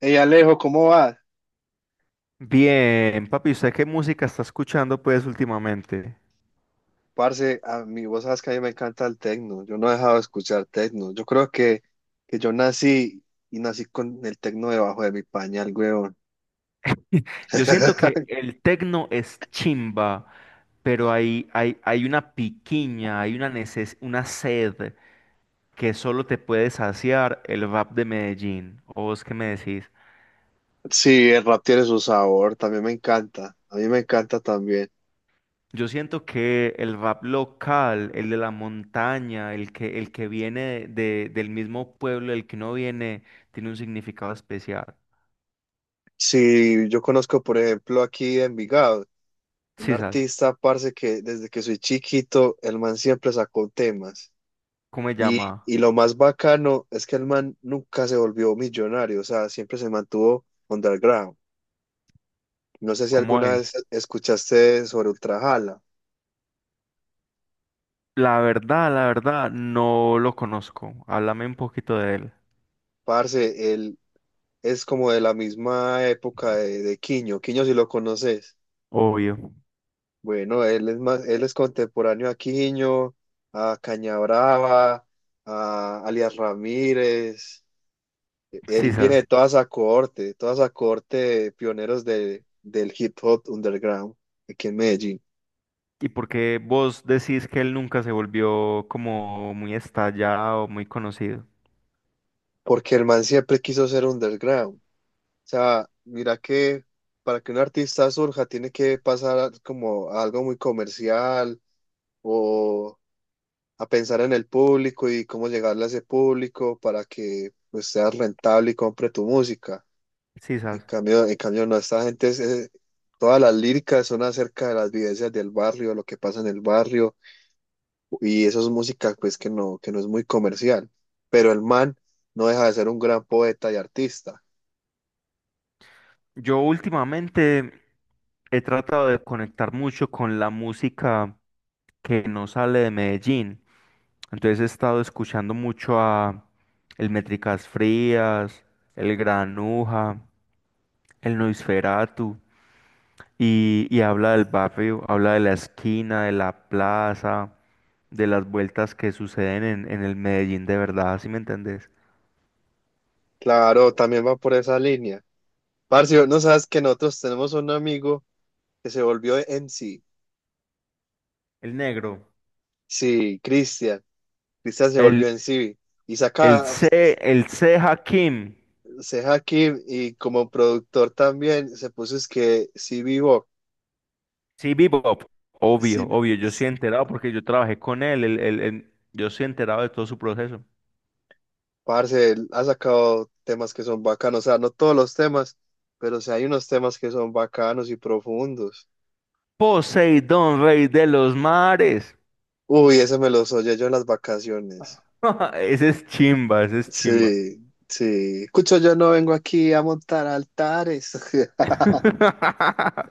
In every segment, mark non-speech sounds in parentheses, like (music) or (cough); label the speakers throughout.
Speaker 1: Hey Alejo, ¿cómo vas?
Speaker 2: Bien, papi, ¿usted qué música está escuchando pues últimamente?
Speaker 1: Parce, a mí, vos sabes que a mí me encanta el tecno. Yo no he dejado de escuchar tecno. Yo creo que yo nací y nací con el tecno debajo de mi pañal, weón.
Speaker 2: (laughs) Yo siento que
Speaker 1: (laughs)
Speaker 2: el tecno es chimba, pero hay una piquiña, hay una una sed que solo te puede saciar el rap de Medellín. ¿O vos qué me decís?
Speaker 1: Sí, el rap tiene su sabor, también me encanta. A mí me encanta también.
Speaker 2: Yo siento que el rap local, el de la montaña, el que viene del mismo pueblo, el que no viene, tiene un significado especial.
Speaker 1: Sí, yo conozco, por ejemplo, aquí en Envigado, un
Speaker 2: ¿Sí sabes
Speaker 1: artista, parce, que desde que soy chiquito, el man siempre sacó temas.
Speaker 2: cómo se
Speaker 1: Y,
Speaker 2: llama?
Speaker 1: y lo más bacano es que el man nunca se volvió millonario, o sea, siempre se mantuvo underground. No sé si
Speaker 2: ¿Cómo
Speaker 1: alguna
Speaker 2: es?
Speaker 1: vez escuchaste sobre Ultrajala.
Speaker 2: La verdad, no lo conozco. Háblame un poquito de él.
Speaker 1: Parce, él es como de la misma época de Quiño. Quiño, si lo conoces.
Speaker 2: Obvio.
Speaker 1: Bueno, él es más, él es contemporáneo a Quiño, a Cañabrava, a Alias Ramírez. Él
Speaker 2: Sí,
Speaker 1: viene de
Speaker 2: sabes.
Speaker 1: toda esa cohorte, de toda esa cohorte de pioneros del hip hop underground aquí en Medellín.
Speaker 2: ¿Y por qué vos decís que él nunca se volvió como muy estallado, muy conocido?
Speaker 1: Porque el man siempre quiso ser underground. O sea, mira que para que un artista surja tiene que pasar como a algo muy comercial o a pensar en el público y cómo llegarle a ese público para que pues, seas rentable y compre tu música.
Speaker 2: Sí,
Speaker 1: En
Speaker 2: sabes.
Speaker 1: cambio, en cambio no, esta gente, todas las líricas son acerca de las vivencias del barrio, lo que pasa en el barrio y eso es música pues que no es muy comercial. Pero el man no deja de ser un gran poeta y artista.
Speaker 2: Yo últimamente he tratado de conectar mucho con la música que no sale de Medellín. Entonces he estado escuchando mucho a el Métricas Frías, el Granuja, el Noisferatu. Y habla del barrio, habla de la esquina, de la plaza, de las vueltas que suceden en el Medellín de verdad, ¿sí me entendés?
Speaker 1: Claro, también va por esa línea. Parce, no sabes que nosotros tenemos un amigo que se volvió MC. Sí,
Speaker 2: El negro.
Speaker 1: sí, Cristian. Cristian se
Speaker 2: El,
Speaker 1: volvió MC. Y saca,
Speaker 2: El C Hakim,
Speaker 1: se aquí y como productor también se puso es que sí vivo.
Speaker 2: sí, Bebop, obvio,
Speaker 1: Sí,
Speaker 2: obvio, yo sí he enterado porque yo trabajé con él, yo sí he enterado de todo su proceso.
Speaker 1: parce, él ha sacado temas que son bacanos. O sea, no todos los temas, pero sí hay unos temas que son bacanos y profundos.
Speaker 2: Poseidón, rey de los mares.
Speaker 1: Uy, ese me los oye yo en las vacaciones.
Speaker 2: (laughs) Ese es chimba, ese es chimba.
Speaker 1: Sí, sí. Escucho, yo no vengo aquí a montar altares. (laughs)
Speaker 2: (laughs)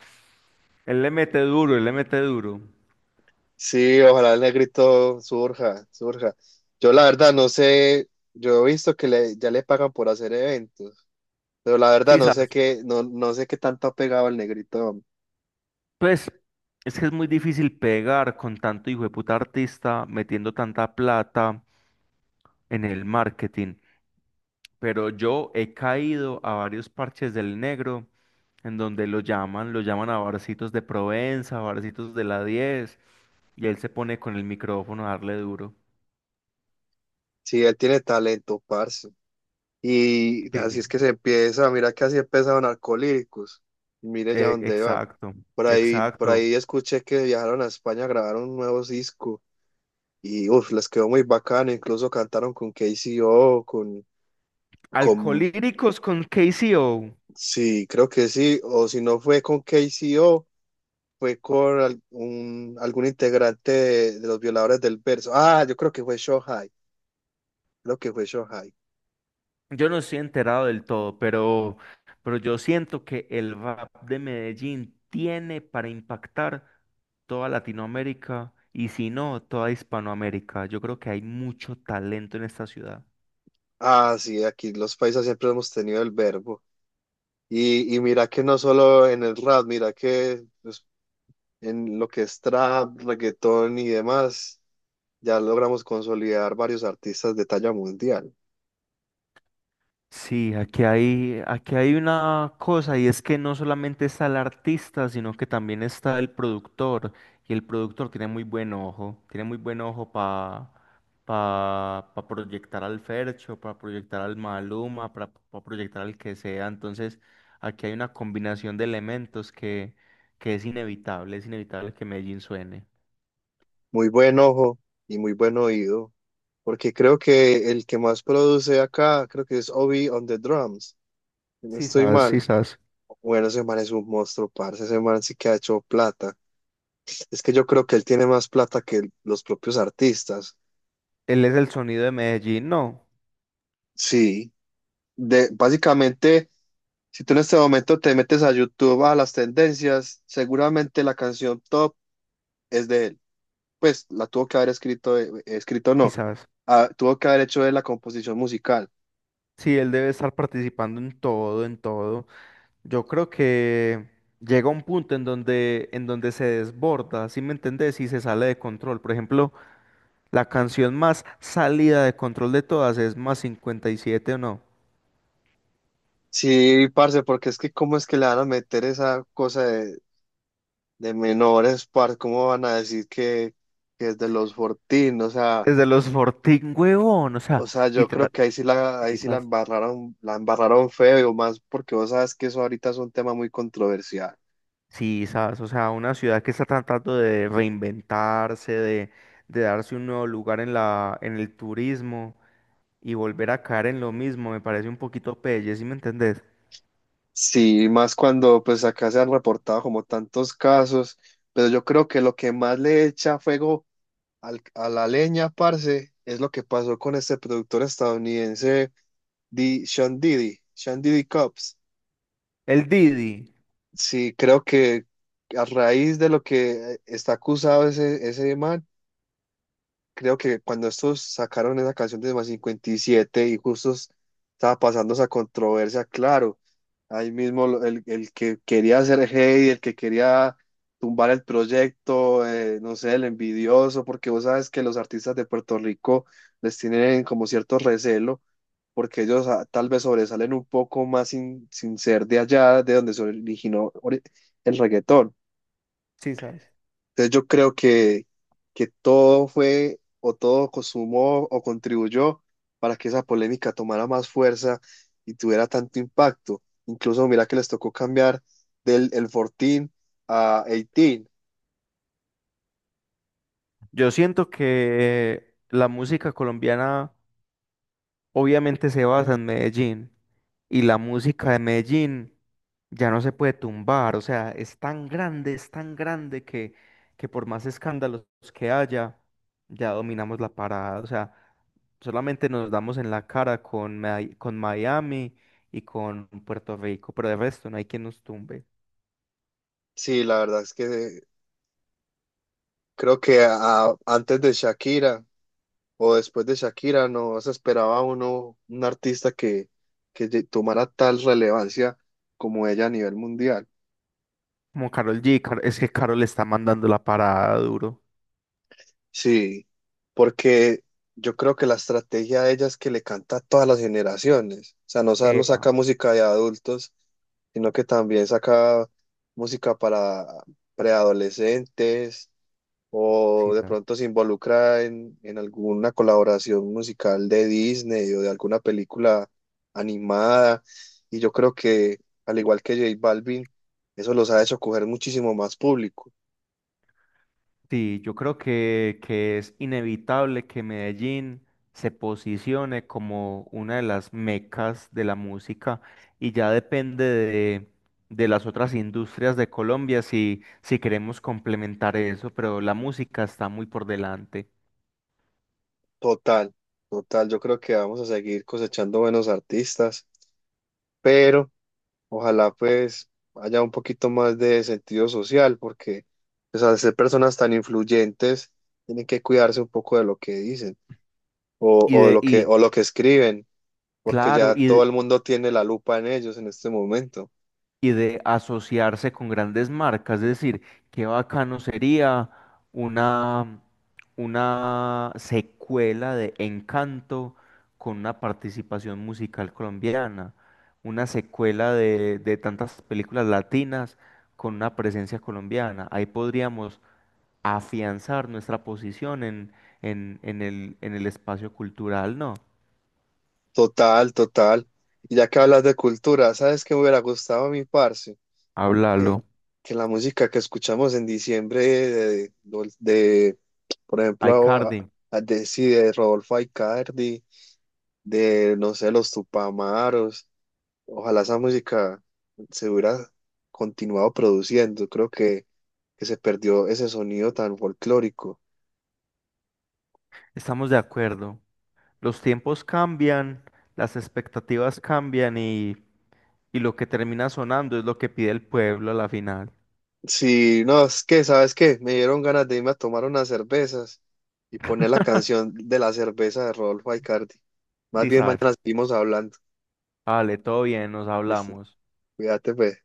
Speaker 2: Él le mete duro, él le mete duro.
Speaker 1: Sí, ojalá el negrito surja, surja. Yo la verdad no sé, yo he visto que le, ya le pagan por hacer eventos, pero la verdad
Speaker 2: Sí,
Speaker 1: no sé
Speaker 2: sabes.
Speaker 1: qué, no sé qué tanto ha pegado el negrito.
Speaker 2: Pues es que es muy difícil pegar con tanto hijo de puta artista metiendo tanta plata en el marketing. Pero yo he caído a varios parches del negro en donde lo llaman a barcitos de Provenza, barcitos de la 10 y él se pone con el micrófono a darle duro.
Speaker 1: Sí, él tiene talento, parce. Y
Speaker 2: Sí,
Speaker 1: así es que se empieza, mira que así empezaron Alcohólicos. Mire ya dónde van.
Speaker 2: exacto,
Speaker 1: Por ahí, por
Speaker 2: exacto.
Speaker 1: ahí escuché que viajaron a España a grabar un nuevo disco y uf, les quedó muy bacano, incluso cantaron con KCO, con
Speaker 2: Alcolíricos con KCO.
Speaker 1: sí, creo que sí, o si no fue con KCO, fue con algún integrante de los violadores del verso. Ah, yo creo que fue Shohai, creo que fue Shohai.
Speaker 2: Yo no estoy enterado del todo, pero yo siento que el rap de Medellín tiene para impactar toda Latinoamérica y si no, toda Hispanoamérica. Yo creo que hay mucho talento en esta ciudad.
Speaker 1: Ah, sí, aquí los paisas siempre hemos tenido el verbo. Y mira que no solo en el rap, mira que pues, en lo que es trap, reggaetón y demás, ya logramos consolidar varios artistas de talla mundial.
Speaker 2: Sí, aquí hay una cosa y es que no solamente está el artista, sino que también está el productor. Y el productor tiene muy buen ojo, tiene muy buen ojo para pa, pa pa proyectar al Fercho, para proyectar al Maluma, para proyectar al que sea. Entonces, aquí hay una combinación de elementos que es inevitable que Medellín suene.
Speaker 1: Muy buen ojo y muy buen oído. Porque creo que el que más produce acá, creo que es Obi on the Drums. Si no
Speaker 2: Sí,
Speaker 1: estoy
Speaker 2: sabes, sí,
Speaker 1: mal.
Speaker 2: sabes.
Speaker 1: Bueno, ese man es un monstruo, parce. Ese man sí que ha hecho plata. Es que yo creo que él tiene más plata que los propios artistas.
Speaker 2: Él es el sonido de Medellín, no,
Speaker 1: Sí. De, básicamente, si tú en este momento te metes a YouTube a las tendencias, seguramente la canción top es de él. Pues la tuvo que haber escrito, escrito no.
Speaker 2: quizás.
Speaker 1: Ah, tuvo que haber hecho de la composición musical.
Speaker 2: Sí, él debe estar participando en todo, en todo. Yo creo que llega un punto en donde se desborda, ¿sí me entendés? Y se sale de control. Por ejemplo, la canción más salida de control de todas es Más 57 o no.
Speaker 1: Sí, parce, porque es que cómo es que le van a meter esa cosa de menores, par, ¿cómo van a decir que es de los Fortín?
Speaker 2: Desde los Fortín, huevón, o sea,
Speaker 1: Yo
Speaker 2: literal,
Speaker 1: creo que ahí
Speaker 2: sí,
Speaker 1: sí
Speaker 2: sas,
Speaker 1: la embarraron feo, más porque vos sabes que eso ahorita es un tema muy controversial.
Speaker 2: sí, sas, o sea, una ciudad que está tratando de reinventarse, de darse un nuevo lugar en en el turismo y volver a caer en lo mismo, me parece un poquito pelle, ¿sí me entendés?
Speaker 1: Sí, más cuando pues acá se han reportado como tantos casos, pero yo creo que lo que más le echa fuego a la leña, parce, es lo que pasó con este productor estadounidense, Sean Diddy Combs.
Speaker 2: El Didi,
Speaker 1: Sí, creo que a raíz de lo que está acusado ese man, creo que cuando estos sacaron esa canción de más 57 y siete y justo estaba pasando esa controversia, claro, ahí mismo el que quería hacer hate, el que quería tumbar el proyecto, no sé, el envidioso, porque vos sabes que los artistas de Puerto Rico les tienen como cierto recelo porque ellos tal vez sobresalen un poco más sin ser de allá, de donde se originó el reggaetón.
Speaker 2: sí, sas.
Speaker 1: Entonces yo creo que todo fue o todo consumó o contribuyó para que esa polémica tomara más fuerza y tuviera tanto impacto. Incluso mira que les tocó cambiar del el 14 a 18.
Speaker 2: Yo siento que la música colombiana obviamente se basa en Medellín y la música de Medellín ya no se puede tumbar, o sea, es tan grande que por más escándalos que haya, ya dominamos la parada, o sea, solamente nos damos en la cara con, con Miami y con Puerto Rico, pero de resto no hay quien nos tumbe.
Speaker 1: Sí, la verdad es que creo que antes de Shakira o después de Shakira, no se esperaba uno, un artista que, tomara tal relevancia como ella a nivel mundial.
Speaker 2: Como Karol G, es que Karol está mandando la parada duro.
Speaker 1: Sí, porque yo creo que la estrategia de ella es que le canta a todas las generaciones. O sea, no solo
Speaker 2: Epa,
Speaker 1: saca música de adultos, sino que también saca música para preadolescentes, o
Speaker 2: sí.
Speaker 1: de pronto se involucra en alguna colaboración musical de Disney o de alguna película animada. Y yo creo que, al igual que J Balvin, eso los ha hecho coger muchísimo más público.
Speaker 2: Sí, yo creo que es inevitable que Medellín se posicione como una de las mecas de la música y ya depende de las otras industrias de Colombia si, si queremos complementar eso, pero la música está muy por delante.
Speaker 1: Total, total. Yo creo que vamos a seguir cosechando buenos artistas, pero ojalá pues haya un poquito más de sentido social, porque pues, al ser personas tan influyentes, tienen que cuidarse un poco de lo que dicen
Speaker 2: Y de, y
Speaker 1: o lo que escriben. Porque
Speaker 2: claro,
Speaker 1: ya todo el mundo tiene la lupa en ellos en este momento.
Speaker 2: y de asociarse con grandes marcas. Es decir, qué bacano sería una, una secuela de Encanto con una participación musical colombiana, una secuela de tantas películas latinas con una presencia colombiana. Ahí podríamos afianzar nuestra posición en el espacio cultural, ¿no?
Speaker 1: Total, total. Y ya que hablas de cultura, ¿sabes qué me hubiera gustado a mi parce? Que,
Speaker 2: Háblalo.
Speaker 1: que la música que escuchamos en diciembre por
Speaker 2: Ay,
Speaker 1: ejemplo,
Speaker 2: Cardi,
Speaker 1: sí, de Rodolfo Aicardi, de, no sé, los Tupamaros, ojalá esa música se hubiera continuado produciendo. Creo que se perdió ese sonido tan folclórico.
Speaker 2: estamos de acuerdo. Los tiempos cambian, las expectativas cambian y lo que termina sonando es lo que pide el pueblo a la final.
Speaker 1: Sí, no, es que, ¿sabes qué? Me dieron ganas de irme a tomar unas cervezas y poner la canción de la cerveza de Rodolfo Aicardi. Más bien
Speaker 2: Quizás,
Speaker 1: mañana seguimos hablando.
Speaker 2: vale, todo bien, nos
Speaker 1: Listo,
Speaker 2: hablamos.
Speaker 1: cuídate, pues.